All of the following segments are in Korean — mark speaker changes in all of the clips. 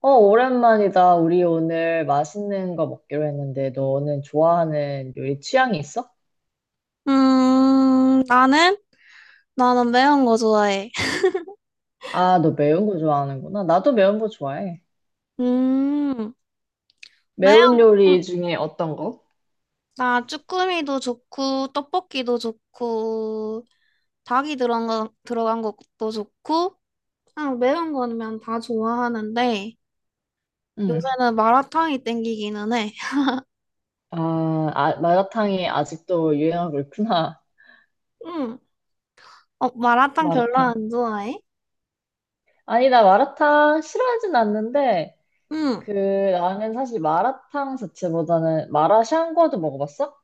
Speaker 1: 오랜만이다. 우리 오늘 맛있는 거 먹기로 했는데, 너는 좋아하는 요리 취향이 있어?
Speaker 2: 나는? 나는 매운 거 좋아해.
Speaker 1: 아, 너 매운 거 좋아하는구나. 나도 매운 거 좋아해.
Speaker 2: 음, 매운,
Speaker 1: 매운
Speaker 2: 음,
Speaker 1: 요리 중에 어떤 거?
Speaker 2: 나 쭈꾸미도 좋고, 떡볶이도 좋고, 닭이 들어간 거, 들어간 것도 좋고, 그냥 매운 거면 다 좋아하는데,
Speaker 1: 응.
Speaker 2: 요새는 마라탕이 땡기기는 해.
Speaker 1: 아, 아, 마라탕이 아직도 유행하고 있구나.
Speaker 2: 음, 마라탕 별로
Speaker 1: 마라탕.
Speaker 2: 안 좋아해?
Speaker 1: 아니, 나 마라탕 싫어하진 않는데,
Speaker 2: 음,
Speaker 1: 그, 나는 사실 마라탕 자체보다는 마라샹궈도 먹어봤어?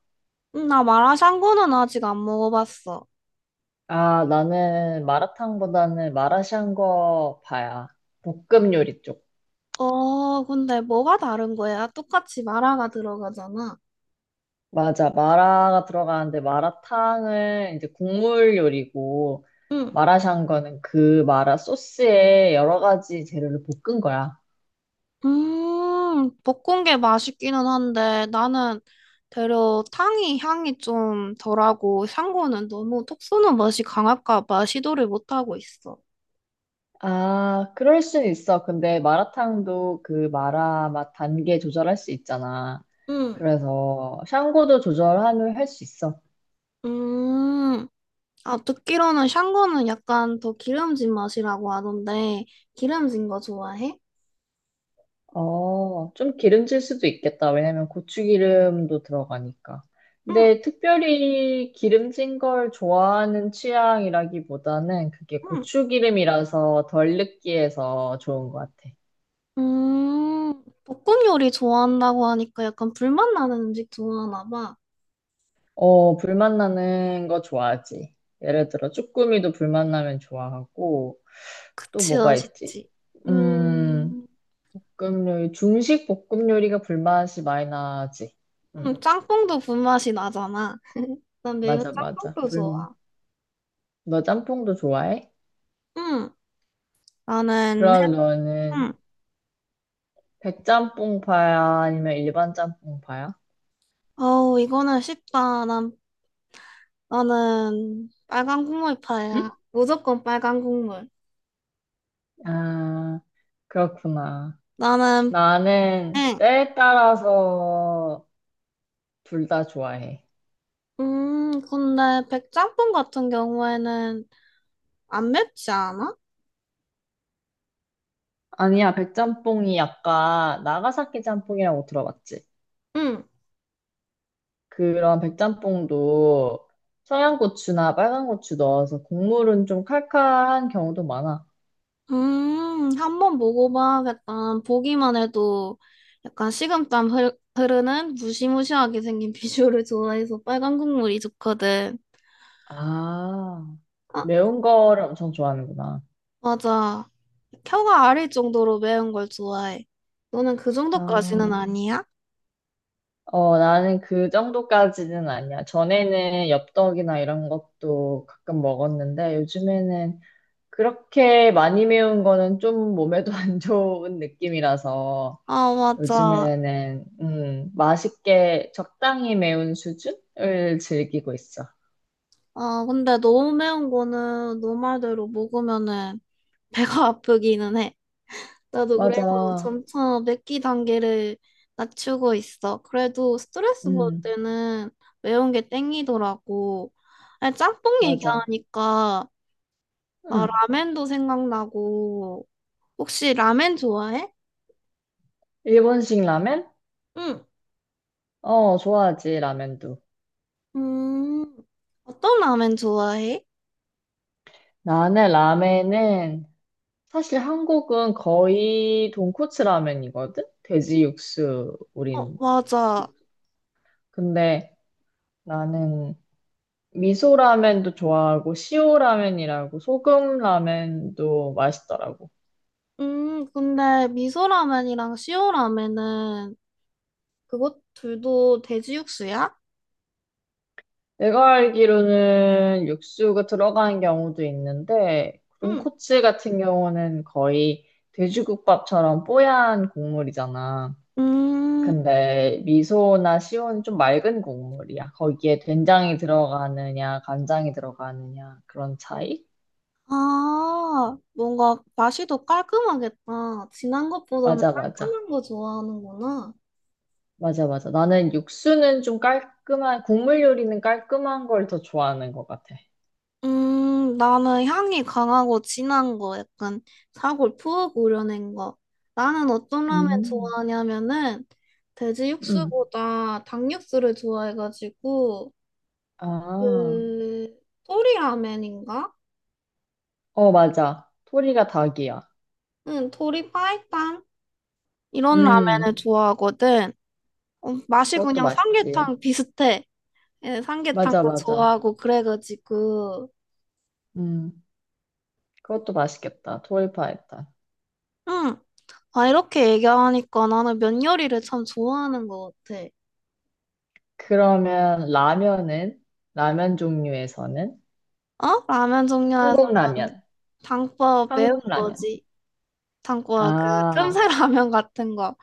Speaker 2: 나 마라샹궈는 아직 안 먹어봤어.
Speaker 1: 아, 나는 마라탕보다는 마라샹궈 파야. 볶음 요리 쪽.
Speaker 2: 근데 뭐가 다른 거야? 똑같이 마라가 들어가잖아.
Speaker 1: 맞아. 마라가 들어가는데 마라탕은 이제 국물 요리고,
Speaker 2: 응.
Speaker 1: 마라샹궈는 그 마라 소스에 여러 가지 재료를 볶은 거야.
Speaker 2: 볶은 게 맛있기는 한데 나는 대려 탕이 향이 좀 덜하고 샹궈는 너무 톡 쏘는 맛이 강할까 봐 시도를 못 하고 있어.
Speaker 1: 아, 그럴 순 있어. 근데 마라탕도 그 마라 맛 단계 조절할 수 있잖아.
Speaker 2: 응,
Speaker 1: 그래서 샹궈도 조절하면 할 수 있어.
Speaker 2: 음, 듣기로는 샹궈는 약간 더 기름진 맛이라고 하던데 기름진 거 좋아해?
Speaker 1: 어, 좀 기름질 수도 있겠다. 왜냐면 고추기름도 들어가니까.
Speaker 2: 응,
Speaker 1: 근데 특별히 기름진 걸 좋아하는 취향이라기보다는 그게
Speaker 2: 응.
Speaker 1: 고추기름이라서 덜 느끼해서 좋은 것 같아.
Speaker 2: 볶음 요리 좋아한다고 하니까 약간 불맛 나는 음식 좋아하나 봐.
Speaker 1: 어, 불맛 나는 거 좋아하지. 예를 들어, 쭈꾸미도 불맛 나면 좋아하고, 또
Speaker 2: 그치,
Speaker 1: 뭐가 있지?
Speaker 2: 맛있지.
Speaker 1: 음,
Speaker 2: 음,
Speaker 1: 볶음 요리, 중식 볶음 요리가 불맛이 많이 나지. 음,
Speaker 2: 짬뽕도 불맛이 나잖아. 난 매운.
Speaker 1: 맞아, 맞아.
Speaker 2: 짬뽕도
Speaker 1: 불,
Speaker 2: 좋아.
Speaker 1: 너 짬뽕도 좋아해?
Speaker 2: 응, 나는, 해,
Speaker 1: 그럼 너는
Speaker 2: 응.
Speaker 1: 백짬뽕파야? 아니면 일반 짬뽕파야?
Speaker 2: 어우, 이거는 쉽다. 난, 나는 빨간
Speaker 1: 응?
Speaker 2: 국물파야. 무조건 빨간 국물.
Speaker 1: 아, 그렇구나.
Speaker 2: 나는,
Speaker 1: 나는
Speaker 2: 응.
Speaker 1: 때에 따라서 둘 다 좋아해.
Speaker 2: 근데 백짬뽕 같은 경우에는 안 맵지 않아?
Speaker 1: 아니야, 백짬뽕이 약간 나가사키 짬뽕이라고 들어봤지?
Speaker 2: 응.
Speaker 1: 그런 백짬뽕도 청양고추나 빨간 고추 넣어서 국물은 좀 칼칼한 경우도 많아.
Speaker 2: 한번 먹어봐야겠다. 보기만 해도 약간 흐르는 무시무시하게 생긴 비주얼을 좋아해서 빨간 국물이 좋거든.
Speaker 1: 아,
Speaker 2: 아,
Speaker 1: 매운 거를 엄청 좋아하는구나.
Speaker 2: 맞아. 혀가 아릴 정도로 매운 걸 좋아해. 너는 그 정도까지는
Speaker 1: 아.
Speaker 2: 아니야?
Speaker 1: 어, 나는 그 정도까지는 아니야. 전에는 엽떡이나 이런 것도 가끔 먹었는데 요즘에는 그렇게 많이 매운 거는 좀 몸에도 안 좋은 느낌이라서
Speaker 2: 아, 맞아.
Speaker 1: 요즘에는 맛있게 적당히 매운 수준을 즐기고 있어.
Speaker 2: 근데 너무 매운 거는 너 말대로 먹으면은 배가 아프기는 해. 나도 그래서
Speaker 1: 맞아.
Speaker 2: 점차 맵기 단계를 낮추고 있어. 그래도 스트레스 받을
Speaker 1: 음,
Speaker 2: 때는 매운 게 땡기더라고. 아니, 짬뽕
Speaker 1: 맞아.
Speaker 2: 얘기하니까 나
Speaker 1: 음.
Speaker 2: 라멘도 생각나고. 혹시 라멘 좋아해?
Speaker 1: 일본식 라멘?
Speaker 2: 응.
Speaker 1: 어, 좋아하지, 라멘도.
Speaker 2: 음, 어떤 라면 좋아해?
Speaker 1: 나는 라멘은 사실 한국은 거의 돈코츠 라면이거든? 돼지 육수,
Speaker 2: 어,
Speaker 1: 우린.
Speaker 2: 맞아.
Speaker 1: 육수. 근데 나는 미소 라면도 좋아하고, 시오 라면이라고, 소금 라면도 맛있더라고.
Speaker 2: 근데 미소 라면이랑 시오 라면은 그것 둘도 돼지 육수야?
Speaker 1: 내가 알기로는 육수가 들어가는 경우도 있는데,
Speaker 2: 응.
Speaker 1: 돈코츠 같은 경우는 거의 돼지국밥처럼 뽀얀 국물이잖아.
Speaker 2: 음,
Speaker 1: 근데 미소나 시오는 좀 맑은 국물이야. 거기에 된장이 들어가느냐, 간장이 들어가느냐, 그런 차이?
Speaker 2: 뭔가 맛이 더 깔끔하겠다. 진한 것보다는
Speaker 1: 맞아, 맞아.
Speaker 2: 깔끔한 거 좋아하는구나.
Speaker 1: 맞아, 맞아. 나는 육수는 좀 깔끔한, 국물 요리는 깔끔한 걸 더 좋아하는 것 같아.
Speaker 2: 나는 향이 강하고 진한 거 약간 사골 푹 우려낸 거. 나는 어떤 라면
Speaker 1: 음,
Speaker 2: 좋아하냐면은 돼지
Speaker 1: 음.
Speaker 2: 육수보다 닭 육수를 좋아해가지고
Speaker 1: 아,
Speaker 2: 그 토리 라면인가?
Speaker 1: 어, 맞아. 토리가 닭이야.
Speaker 2: 응, 토리 파이탕 이런 라면을
Speaker 1: 음,
Speaker 2: 좋아하거든. 맛이
Speaker 1: 그것도
Speaker 2: 그냥
Speaker 1: 맛있지.
Speaker 2: 삼계탕 비슷해. 예,
Speaker 1: 맞아,
Speaker 2: 삼계탕도
Speaker 1: 맞아.
Speaker 2: 좋아하고 그래가지고
Speaker 1: 음, 그것도 맛있겠다. 토리파에탄.
Speaker 2: 응. 아 이렇게 얘기하니까 나는 면 요리를 참 좋아하는 것 같아.
Speaker 1: 그러면 라면은? 라면 종류에서는?
Speaker 2: 어? 라면 종류에서
Speaker 1: 한국
Speaker 2: 는
Speaker 1: 라면.
Speaker 2: 당과 매운
Speaker 1: 한국 라면.
Speaker 2: 거지. 당과 그
Speaker 1: 아,
Speaker 2: 틈새 라면 같은 거.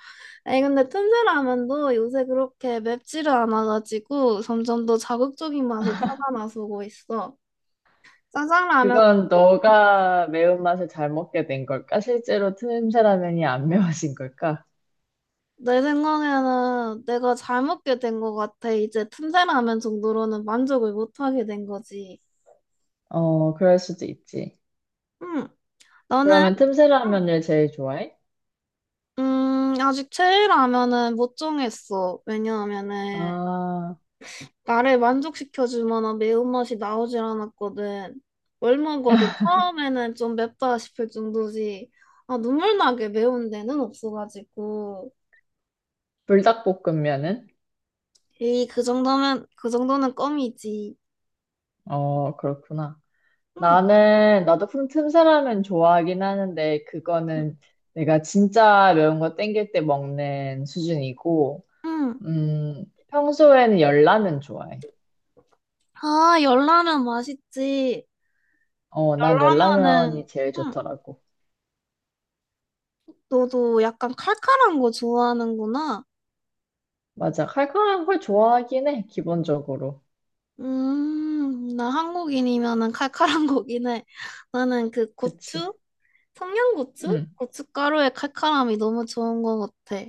Speaker 2: 아니 근데 틈새 라면도 요새 그렇게 맵지를 않아가지고 점점 더 자극적인 맛을 찾아 나서고 있어. 짜장 라면
Speaker 1: 그건 너가 매운맛을 잘 먹게 된 걸까? 실제로 틈새 라면이 안 매워진 걸까?
Speaker 2: 내 생각에는 내가 잘 먹게 된 것 같아. 이제 틈새 라면 정도로는 만족을 못 하게 된 거지.
Speaker 1: 어, 그럴 수도 있지.
Speaker 2: 응. 너는
Speaker 1: 그러면 틈새
Speaker 2: 응.
Speaker 1: 라면을 제일 좋아해?
Speaker 2: 아직 최애 라면은 못 정했어. 왜냐하면은
Speaker 1: 아,
Speaker 2: 나를 만족시켜줄 만한 매운맛이 나오질 않았거든. 뭘 먹어도 처음에는 좀 맵다 싶을 정도지. 아, 눈물 나게 매운 데는 없어가지고.
Speaker 1: 불닭볶음면은?
Speaker 2: 에이, 그 정도면, 그 정도는 껌이지.
Speaker 1: 어, 그렇구나.
Speaker 2: 응,
Speaker 1: 나는, 나도 틈새 라면 좋아하긴 하는데,
Speaker 2: 응,
Speaker 1: 그거는 내가 진짜 매운 거 땡길 때 먹는 수준이고,
Speaker 2: 응.
Speaker 1: 평소에는 열라면 좋아해.
Speaker 2: 아, 열라면 맛있지.
Speaker 1: 어, 난
Speaker 2: 열라면은,
Speaker 1: 열라면이 제일
Speaker 2: 응,
Speaker 1: 좋더라고.
Speaker 2: 너도 약간 칼칼한 거 좋아하는구나.
Speaker 1: 맞아. 칼칼한 걸 좋아하긴 해, 기본적으로.
Speaker 2: 나 한국인이면은 칼칼한 거긴 해. 나는 그
Speaker 1: 그치.
Speaker 2: 고추? 청양고추?
Speaker 1: 응.
Speaker 2: 고춧가루의 칼칼함이 너무 좋은 것 같아.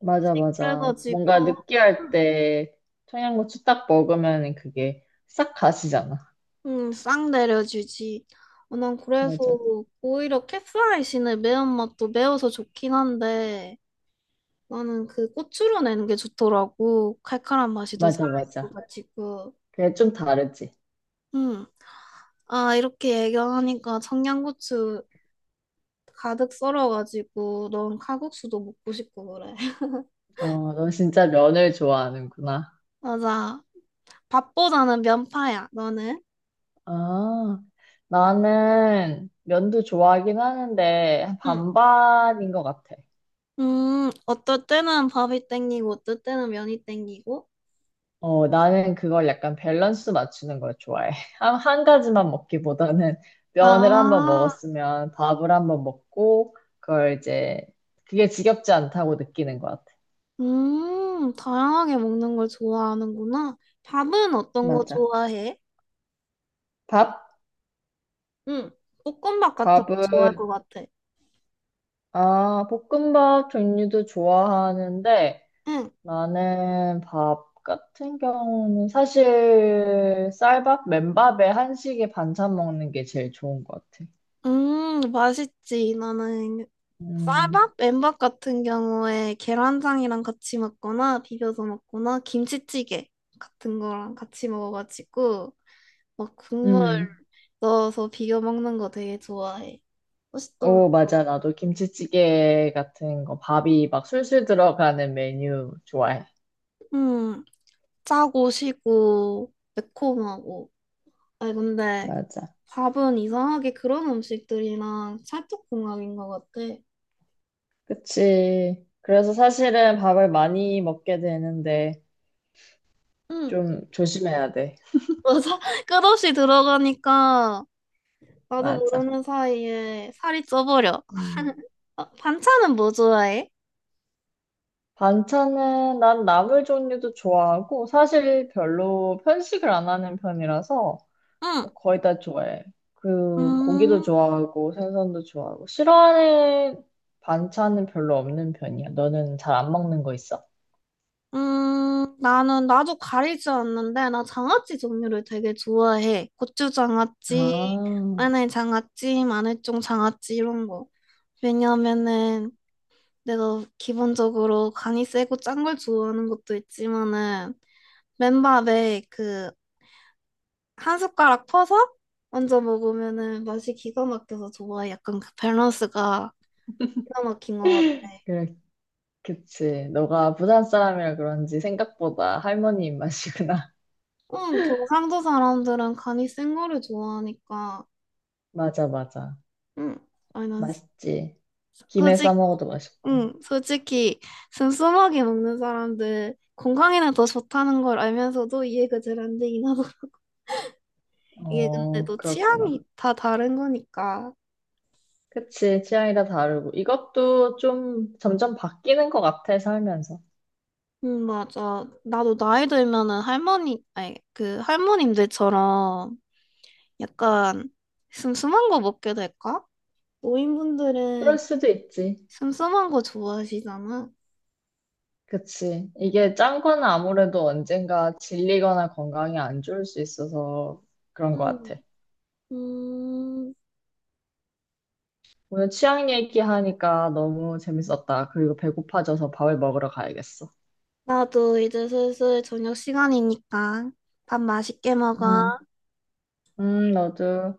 Speaker 1: 맞아, 맞아. 뭔가
Speaker 2: 그래가지고,
Speaker 1: 느끼할 때 청양고추 딱 먹으면 그게 싹 가시잖아.
Speaker 2: 싹 내려주지. 어, 난 그래서
Speaker 1: 맞아.
Speaker 2: 오히려 캡사이신의 매운맛도 매워서 좋긴 한데, 나는 그 고추로 내는 게 좋더라고. 칼칼한 맛이 더
Speaker 1: 맞아, 맞아.
Speaker 2: 살아있어가지고.
Speaker 1: 그게 좀 다르지.
Speaker 2: 음, 이렇게 얘기하니까 청양고추 가득 썰어가지고, 넌 칼국수도 먹고 싶고 그래.
Speaker 1: 어, 넌 진짜 면을 좋아하는구나.
Speaker 2: 맞아. 밥보다는 면파야, 너는?
Speaker 1: 아, 나는 면도 좋아하긴 하는데
Speaker 2: 응.
Speaker 1: 반반인 것 같아.
Speaker 2: 어떨 때는 밥이 땡기고, 어떨 때는 면이 땡기고.
Speaker 1: 어, 나는 그걸 약간 밸런스 맞추는 걸 좋아해. 한 가지만 먹기보다는 면을 한번
Speaker 2: 아,
Speaker 1: 먹었으면 밥을 한번 먹고, 그걸 이제 그게 지겹지 않다고 느끼는 것 같아.
Speaker 2: 다양하게 먹는 걸 좋아하는구나. 밥은 어떤 거
Speaker 1: 맞아.
Speaker 2: 좋아해?
Speaker 1: 밥?
Speaker 2: 응, 볶음밥 같은 거
Speaker 1: 밥은,
Speaker 2: 좋아할 것 같아.
Speaker 1: 아, 볶음밥 종류도 좋아하는데
Speaker 2: 응,
Speaker 1: 나는 밥 같은 경우는 사실 쌀밥, 맨밥에 한식에 반찬 먹는 게 제일 좋은 것 같아.
Speaker 2: 맛있지. 나는
Speaker 1: 음,
Speaker 2: 쌀밥, 맨밥 같은 경우에 계란장이랑 같이 먹거나 비벼서 먹거나 김치찌개 같은 거랑 같이 먹어가지고 막 국물
Speaker 1: 음.
Speaker 2: 넣어서 비벼 먹는 거 되게 좋아해. 맛있더라.
Speaker 1: 어, 맞아. 나도 김치찌개 같은 거, 밥이 막 술술 들어가는 메뉴 좋아해.
Speaker 2: 음, 짜고 시고 매콤하고. 아니 근데
Speaker 1: 맞아.
Speaker 2: 밥은 이상하게 그런 음식들이랑 찰떡궁합인 것 같아.
Speaker 1: 그치. 그래서 사실은 밥을 많이 먹게 되는데
Speaker 2: 응,
Speaker 1: 좀 조심해야 돼.
Speaker 2: 맞아. 끝없이 들어가니까 나도
Speaker 1: 맞아.
Speaker 2: 모르는 사이에 살이 쪄버려.
Speaker 1: 음.
Speaker 2: 어, 반찬은 뭐 좋아해?
Speaker 1: 반찬은 난 나물 종류도 좋아하고 사실 별로 편식을 안 하는 편이라서
Speaker 2: 응.
Speaker 1: 뭐 거의 다 좋아해. 그 고기도
Speaker 2: 음,
Speaker 1: 좋아하고 생선도 좋아하고 싫어하는 반찬은 별로 없는 편이야. 너는 잘 안 먹는 거 있어?
Speaker 2: 나는 나도 가리지 않는데 나 장아찌 종류를 되게 좋아해. 고추 장아찌,
Speaker 1: 아,
Speaker 2: 마늘 장아찌, 마늘종 장아찌 이런 거. 왜냐면은 내가 기본적으로 간이 세고 짠 걸 좋아하는 것도 있지만은 맨밥에 그 한 숟가락 퍼서 얹어 먹으면은 맛이 기가 막혀서 좋아해. 약간 그 밸런스가 기가 막힌 것 같아.
Speaker 1: 그래, 그치. 너가 부산 사람이라 그런지 생각보다 할머니 입맛이구나.
Speaker 2: 응, 경상도 사람들은 간이 센 거를 좋아하니까.
Speaker 1: 맞아, 맞아.
Speaker 2: 응, 아니 난
Speaker 1: 맛있지. 김에 싸
Speaker 2: 솔직,
Speaker 1: 먹어도 맛있고.
Speaker 2: 응, 솔직히 슴슴하게 먹는 사람들 건강에는 더 좋다는 걸 알면서도 이해가 잘 안 되긴 하고 이게 근데
Speaker 1: 어,
Speaker 2: 또
Speaker 1: 그렇구나.
Speaker 2: 취향이 다 다른 거니까.
Speaker 1: 그치. 취향이 다 다르고. 이것도 좀 점점 바뀌는 것 같아, 살면서.
Speaker 2: 맞아. 나도 나이 들면은 할머니, 아니, 그 할머님들처럼 약간 슴슴한 거 먹게 될까? 노인분들은
Speaker 1: 그럴 수도 있지.
Speaker 2: 슴슴한 거 좋아하시잖아.
Speaker 1: 그치. 이게 짠 거는 아무래도 언젠가 질리거나 건강이 안 좋을 수 있어서 그런 것
Speaker 2: 음,
Speaker 1: 같아.
Speaker 2: 음,
Speaker 1: 오늘 취향 얘기하니까 너무 재밌었다. 그리고 배고파져서 밥을 먹으러 가야겠어.
Speaker 2: 나도 이제 슬슬 저녁 시간이니까 밥 맛있게
Speaker 1: 응,
Speaker 2: 먹어.
Speaker 1: 응, 맞아.